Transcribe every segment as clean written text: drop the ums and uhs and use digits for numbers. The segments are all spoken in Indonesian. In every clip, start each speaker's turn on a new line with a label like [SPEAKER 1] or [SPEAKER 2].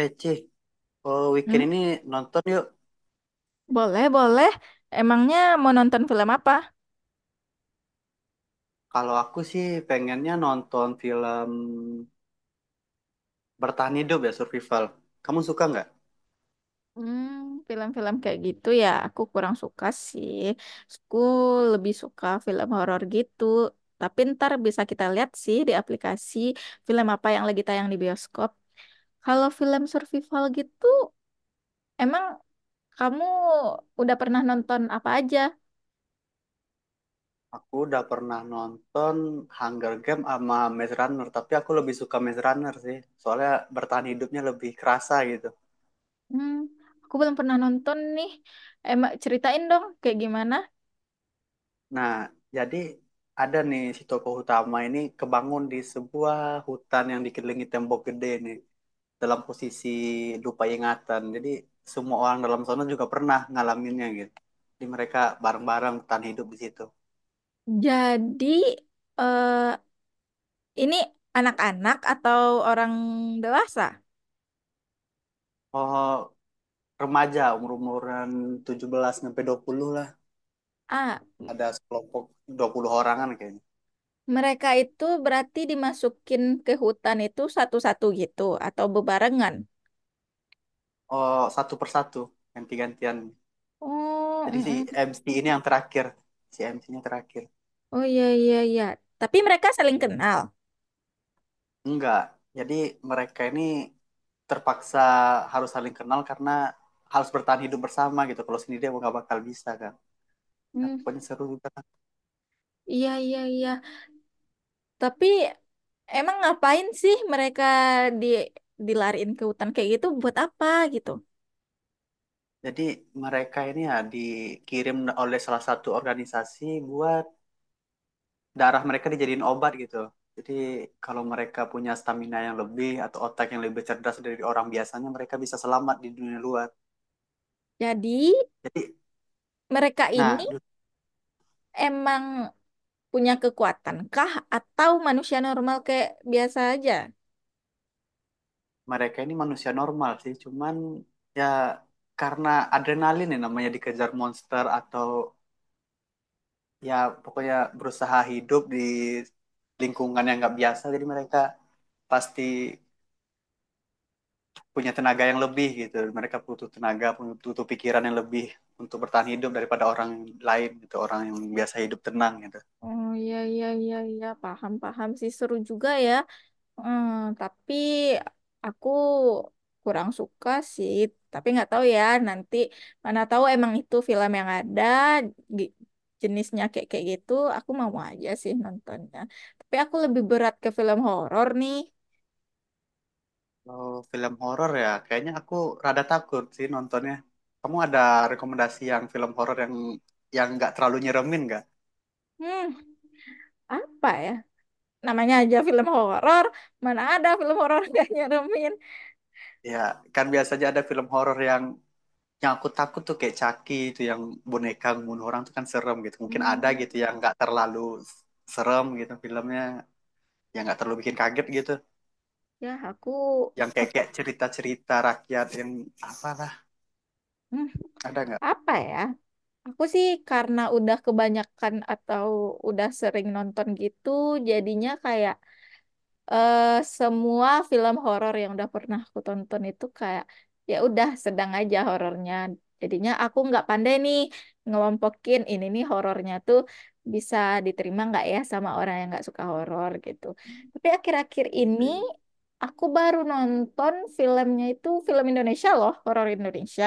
[SPEAKER 1] Eh, Cih, oh, weekend
[SPEAKER 2] Hmm,
[SPEAKER 1] ini nonton yuk.
[SPEAKER 2] boleh, boleh. Emangnya mau nonton film apa?
[SPEAKER 1] Kalau aku sih pengennya nonton film bertahan hidup, ya, survival. Kamu suka nggak?
[SPEAKER 2] Hmm, film-film kayak gitu ya, aku kurang suka sih. Aku lebih suka film horor gitu. Tapi ntar bisa kita lihat sih di aplikasi film apa yang lagi tayang di bioskop. Kalau film survival gitu, emang kamu udah pernah nonton apa aja?
[SPEAKER 1] Aku udah pernah nonton Hunger Game sama Maze Runner, tapi aku lebih suka Maze Runner sih. Soalnya bertahan hidupnya lebih kerasa gitu.
[SPEAKER 2] Hmm, aku belum pernah nonton nih. Emang ceritain dong kayak gimana?
[SPEAKER 1] Nah, jadi ada nih si tokoh utama ini kebangun di sebuah hutan yang dikelilingi tembok gede nih, dalam posisi lupa ingatan. Jadi semua orang dalam sana juga pernah ngalaminnya gitu. Jadi mereka bareng-bareng bertahan hidup di situ.
[SPEAKER 2] Jadi, eh, ini anak-anak atau orang dewasa?
[SPEAKER 1] Oh, remaja umur-umuran 17 sampai 20 lah.
[SPEAKER 2] Ah,
[SPEAKER 1] Ada kelompok 20 orangan kayaknya.
[SPEAKER 2] mereka itu berarti dimasukin ke hutan itu satu-satu gitu atau bebarengan?
[SPEAKER 1] Oh, satu persatu ganti-gantian.
[SPEAKER 2] Oh,
[SPEAKER 1] Jadi si
[SPEAKER 2] mm-mm.
[SPEAKER 1] MC ini yang terakhir. Si MC-nya terakhir.
[SPEAKER 2] Oh iya iya iya. Tapi mereka saling kenal?
[SPEAKER 1] Enggak. Jadi mereka ini terpaksa harus saling kenal karena harus bertahan hidup bersama gitu. Kalau sendiri dia nggak bakal bisa kan. Nah,
[SPEAKER 2] Hmm,
[SPEAKER 1] pokoknya seru juga.
[SPEAKER 2] iya iya iya. Tapi emang ngapain sih mereka di dilariin ke hutan kayak gitu buat apa gitu?
[SPEAKER 1] Jadi mereka ini ya dikirim oleh salah satu organisasi buat darah mereka dijadiin obat gitu. Jadi kalau mereka punya stamina yang lebih atau otak yang lebih cerdas dari orang biasanya, mereka bisa selamat di dunia luar.
[SPEAKER 2] Jadi
[SPEAKER 1] Jadi,
[SPEAKER 2] mereka
[SPEAKER 1] nah
[SPEAKER 2] ini
[SPEAKER 1] du-
[SPEAKER 2] emang punya kekuatan kah atau manusia normal kayak biasa aja?
[SPEAKER 1] mereka ini manusia normal sih, cuman ya karena adrenalin, ya namanya dikejar monster atau ya pokoknya berusaha hidup di lingkungan yang nggak biasa, jadi mereka pasti punya tenaga yang lebih gitu. Mereka butuh tenaga, butuh pikiran yang lebih untuk bertahan hidup daripada orang lain gitu, orang yang biasa hidup tenang gitu.
[SPEAKER 2] Oh iya iya iya iya, paham paham sih, seru juga ya. Hmm, tapi aku kurang suka sih. Tapi nggak tahu ya, nanti mana tahu emang itu film yang ada gi- jenisnya kayak kayak gitu. Aku mau aja sih nontonnya. Tapi aku lebih berat ke film horor nih.
[SPEAKER 1] Kalau film horor ya, kayaknya aku rada takut sih nontonnya. Kamu ada rekomendasi yang film horor yang nggak terlalu nyeremin nggak?
[SPEAKER 2] Hmm, apa ya? Namanya aja film horor. Mana ada film horor gak nyeremin?
[SPEAKER 1] Ya, kan biasanya ada film horor yang aku takut tuh kayak Chucky itu yang boneka bunuh orang tuh kan serem gitu. Mungkin ada
[SPEAKER 2] Hmm,
[SPEAKER 1] gitu yang nggak terlalu serem gitu filmnya, yang nggak terlalu bikin kaget gitu.
[SPEAKER 2] ya aku
[SPEAKER 1] Yang
[SPEAKER 2] eh,
[SPEAKER 1] kayak cerita-cerita rakyat yang apalah,
[SPEAKER 2] hmm,
[SPEAKER 1] ada nggak
[SPEAKER 2] apa ya? Aku sih karena udah kebanyakan atau udah sering nonton gitu, jadinya kayak eh, semua film horor yang udah pernah aku tonton itu kayak ya udah sedang aja horornya. Jadinya aku nggak pandai nih ngelompokin ini nih horornya tuh bisa diterima nggak ya sama orang yang nggak suka horor gitu. Tapi akhir-akhir ini
[SPEAKER 1] gitu.
[SPEAKER 2] aku baru nonton filmnya itu film Indonesia loh, horor Indonesia.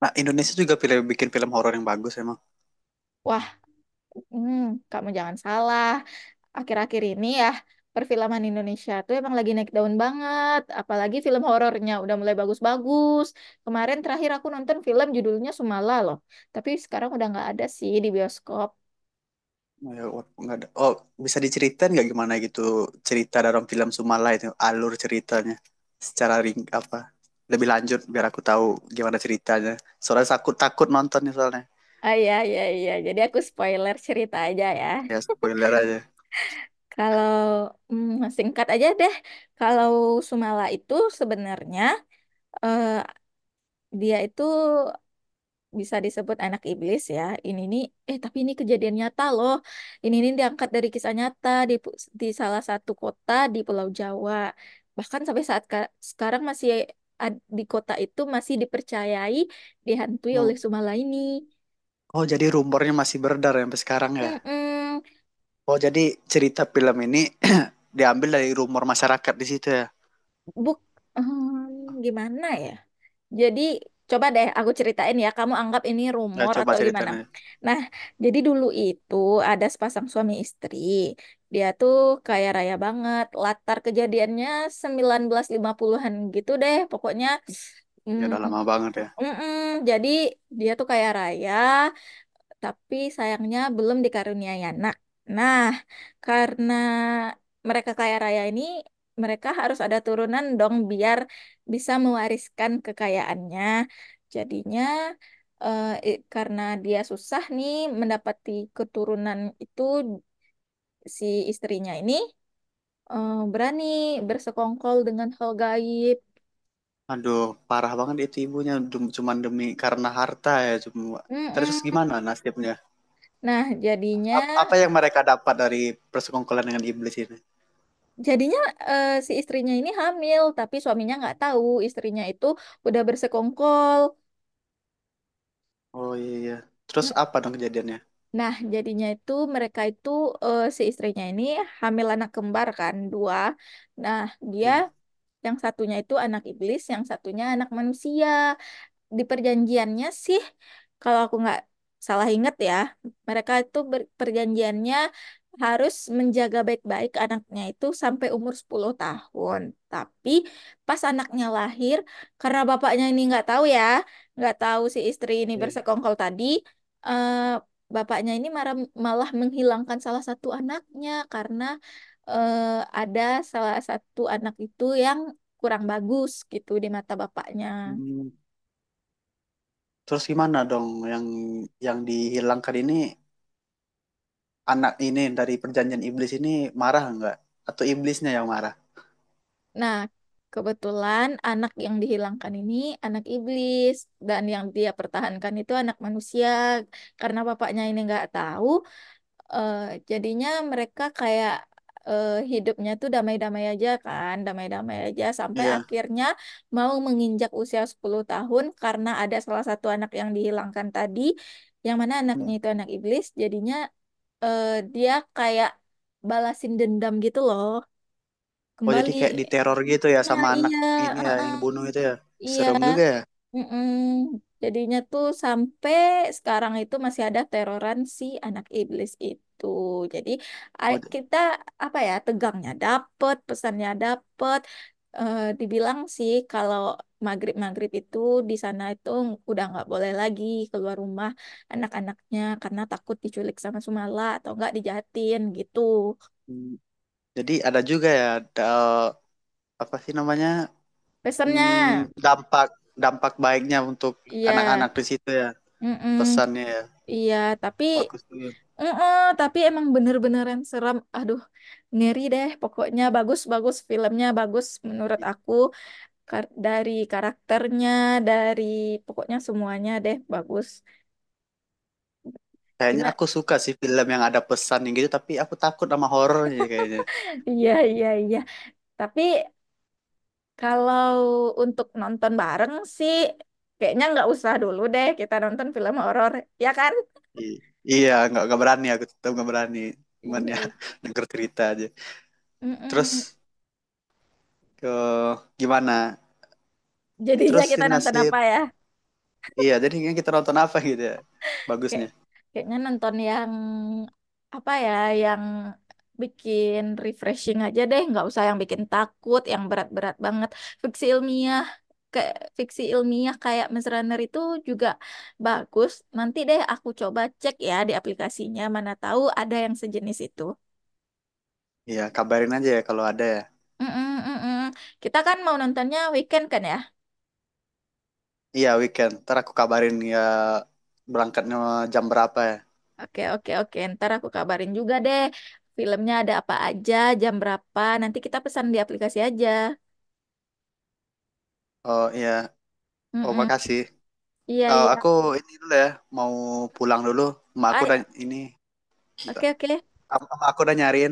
[SPEAKER 1] Nah, Indonesia juga pilih bikin film horor yang bagus emang.
[SPEAKER 2] Wah, hmm, kamu jangan salah. Akhir-akhir ini ya, perfilman Indonesia tuh emang lagi naik daun banget, apalagi film horornya udah mulai bagus-bagus. Kemarin terakhir aku nonton film judulnya Sumala loh, tapi sekarang udah nggak ada sih di bioskop.
[SPEAKER 1] Ya, wah, nggak ada, oh, bisa diceritain nggak gimana gitu cerita dalam film Sumala itu, alur ceritanya secara ring apa lebih lanjut biar aku tahu gimana ceritanya, soalnya takut takut nontonnya soalnya.
[SPEAKER 2] Ah, iya iya iya, jadi aku spoiler cerita aja ya.
[SPEAKER 1] Ya spoiler aja.
[SPEAKER 2] Kalau singkat aja deh, kalau Sumala itu sebenarnya, eh, dia itu bisa disebut anak iblis ya. Ini nih, eh tapi ini kejadian nyata loh. Ini nih diangkat dari kisah nyata di di salah satu kota di Pulau Jawa. Bahkan sampai saat sekarang masih di kota itu masih dipercayai dihantui oleh Sumalaini.
[SPEAKER 1] Oh, jadi rumornya masih beredar ya sampai sekarang ya.
[SPEAKER 2] Mm-mm.
[SPEAKER 1] Oh, jadi cerita film ini diambil dari rumor masyarakat di situ ya.
[SPEAKER 2] Buk, hmm, gimana ya? Jadi coba deh aku ceritain ya, kamu anggap ini
[SPEAKER 1] Ya
[SPEAKER 2] rumor
[SPEAKER 1] coba
[SPEAKER 2] atau gimana.
[SPEAKER 1] ceritain aja.
[SPEAKER 2] Nah, jadi dulu itu ada sepasang suami istri. Dia tuh kaya raya banget. Latar kejadiannya 1950-an gitu deh. Pokoknya
[SPEAKER 1] Ya
[SPEAKER 2] mm,
[SPEAKER 1] udah lama banget ya.
[SPEAKER 2] mm-mm. Jadi dia tuh kaya raya tapi sayangnya belum dikaruniai anak. Nah, karena mereka kaya raya ini, mereka harus ada turunan dong biar bisa mewariskan kekayaannya. Jadinya karena dia susah nih mendapati keturunan itu, si istrinya ini berani bersekongkol dengan hal gaib.
[SPEAKER 1] Aduh, parah banget itu ibunya. Cuman demi karena harta ya cuma. Terus
[SPEAKER 2] Mm-mm.
[SPEAKER 1] gimana nasibnya?
[SPEAKER 2] Nah, jadinya
[SPEAKER 1] Apa yang mereka dapat dari persekongkolan dengan iblis ini?
[SPEAKER 2] Jadinya si istrinya ini hamil, tapi suaminya nggak tahu istrinya itu udah bersekongkol.
[SPEAKER 1] Oh iya iya. Terus
[SPEAKER 2] Mm.
[SPEAKER 1] apa dong kejadiannya?
[SPEAKER 2] Nah, jadinya itu mereka itu si istrinya ini hamil anak kembar kan dua. Nah, dia
[SPEAKER 1] Iya
[SPEAKER 2] yang satunya itu anak iblis, yang satunya anak manusia. Di perjanjiannya sih, kalau aku nggak salah ingat ya, mereka itu perjanjiannya harus menjaga baik-baik anaknya itu sampai umur 10 tahun. Tapi pas anaknya lahir, karena bapaknya ini nggak tahu ya, nggak tahu si istri ini
[SPEAKER 1] iya.
[SPEAKER 2] bersekongkol tadi, eh, bapaknya ini malah menghilangkan salah satu anaknya karena eh, ada salah satu anak itu yang kurang bagus gitu di mata bapaknya.
[SPEAKER 1] Hmm. Terus gimana dong yang dihilangkan ini, anak ini, dari perjanjian iblis ini, marah nggak? Atau iblisnya yang marah?
[SPEAKER 2] Nah, kebetulan anak yang dihilangkan ini anak iblis dan yang dia pertahankan itu anak manusia. Karena bapaknya ini nggak tahu, eh, jadinya mereka kayak hidupnya tuh damai-damai aja kan, damai-damai aja sampai
[SPEAKER 1] Iya.
[SPEAKER 2] akhirnya mau menginjak usia 10 tahun. Karena ada salah satu anak yang dihilangkan tadi, yang mana
[SPEAKER 1] Hmm.
[SPEAKER 2] anaknya itu anak iblis, jadinya eh, dia kayak balasin dendam gitu loh,
[SPEAKER 1] Oh jadi
[SPEAKER 2] kembali.
[SPEAKER 1] kayak diteror gitu ya
[SPEAKER 2] Nah,
[SPEAKER 1] sama anak
[SPEAKER 2] iya,
[SPEAKER 1] ini ya, yang
[SPEAKER 2] heeh,
[SPEAKER 1] dibunuh itu ya.
[SPEAKER 2] iya,
[SPEAKER 1] Serem juga ya.
[SPEAKER 2] mm-mm. Jadinya tuh sampai sekarang itu masih ada teroran si anak iblis itu. Jadi
[SPEAKER 1] Oh,
[SPEAKER 2] kita apa ya, tegangnya dapet, pesannya dapet. Eh, dibilang sih kalau maghrib maghrib itu di sana itu udah nggak boleh lagi keluar rumah anak-anaknya karena takut diculik sama Sumala atau nggak dijahatin gitu.
[SPEAKER 1] hmm. Jadi ada juga ya, da- apa sih namanya,
[SPEAKER 2] Pesannya,
[SPEAKER 1] hmm, dampak dampak baiknya untuk
[SPEAKER 2] iya.
[SPEAKER 1] anak-anak di situ ya,
[SPEAKER 2] Mm.
[SPEAKER 1] pesannya ya,
[SPEAKER 2] Iya, tapi
[SPEAKER 1] bagus tuh.
[SPEAKER 2] heeh, tapi emang bener-beneran serem. Aduh, ngeri deh. Pokoknya bagus-bagus, filmnya bagus menurut aku. Dari karakternya, dari pokoknya semuanya deh bagus.
[SPEAKER 1] Kayaknya
[SPEAKER 2] Gimana?
[SPEAKER 1] aku suka sih film yang ada pesan yang gitu, tapi aku takut sama horor jadi kayaknya.
[SPEAKER 2] Iya, iya, iya. Tapi kalau untuk nonton bareng sih, kayaknya nggak usah dulu deh kita nonton film horor, ya kan?
[SPEAKER 1] I- iya, nggak berani, aku tetap nggak berani,
[SPEAKER 2] Iya.
[SPEAKER 1] cuman ya
[SPEAKER 2] Iya.
[SPEAKER 1] denger cerita aja.
[SPEAKER 2] Mm-mm.
[SPEAKER 1] Terus ke gimana?
[SPEAKER 2] Jadinya
[SPEAKER 1] Terus si
[SPEAKER 2] kita nonton
[SPEAKER 1] nasib,
[SPEAKER 2] apa ya?
[SPEAKER 1] iya jadi kita nonton apa gitu ya
[SPEAKER 2] Kayak,
[SPEAKER 1] bagusnya.
[SPEAKER 2] kayaknya nonton yang apa ya, yang bikin refreshing aja deh, nggak usah yang bikin takut, yang berat-berat banget. Fiksi ilmiah, fiksi ilmiah kayak Maze Runner itu juga bagus. Nanti deh aku coba cek ya di aplikasinya, mana tahu ada yang sejenis itu.
[SPEAKER 1] Iya kabarin aja ya kalau ada ya.
[SPEAKER 2] Mm-mm, mm-mm. Kita kan mau nontonnya weekend kan ya?
[SPEAKER 1] Iya weekend. Ntar aku kabarin ya berangkatnya jam berapa ya.
[SPEAKER 2] Oke, oke, oke. Ntar aku kabarin juga deh. Filmnya ada apa aja, jam berapa. Nanti kita pesan di aplikasi aja.
[SPEAKER 1] Oh iya. Oh
[SPEAKER 2] Mm-mm.
[SPEAKER 1] makasih.
[SPEAKER 2] Iya,
[SPEAKER 1] Eh, aku
[SPEAKER 2] iya.
[SPEAKER 1] ini dulu ya. Mau pulang dulu. Emak aku
[SPEAKER 2] Ay,
[SPEAKER 1] dan ini. Bentar.
[SPEAKER 2] oke, oke.
[SPEAKER 1] Emak aku udah nyariin.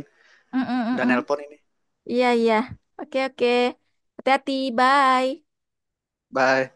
[SPEAKER 1] Dan
[SPEAKER 2] Mm-mm-mm.
[SPEAKER 1] nelpon ini.
[SPEAKER 2] Iya, iya. Oke, oke. Hati-hati. Bye.
[SPEAKER 1] Bye.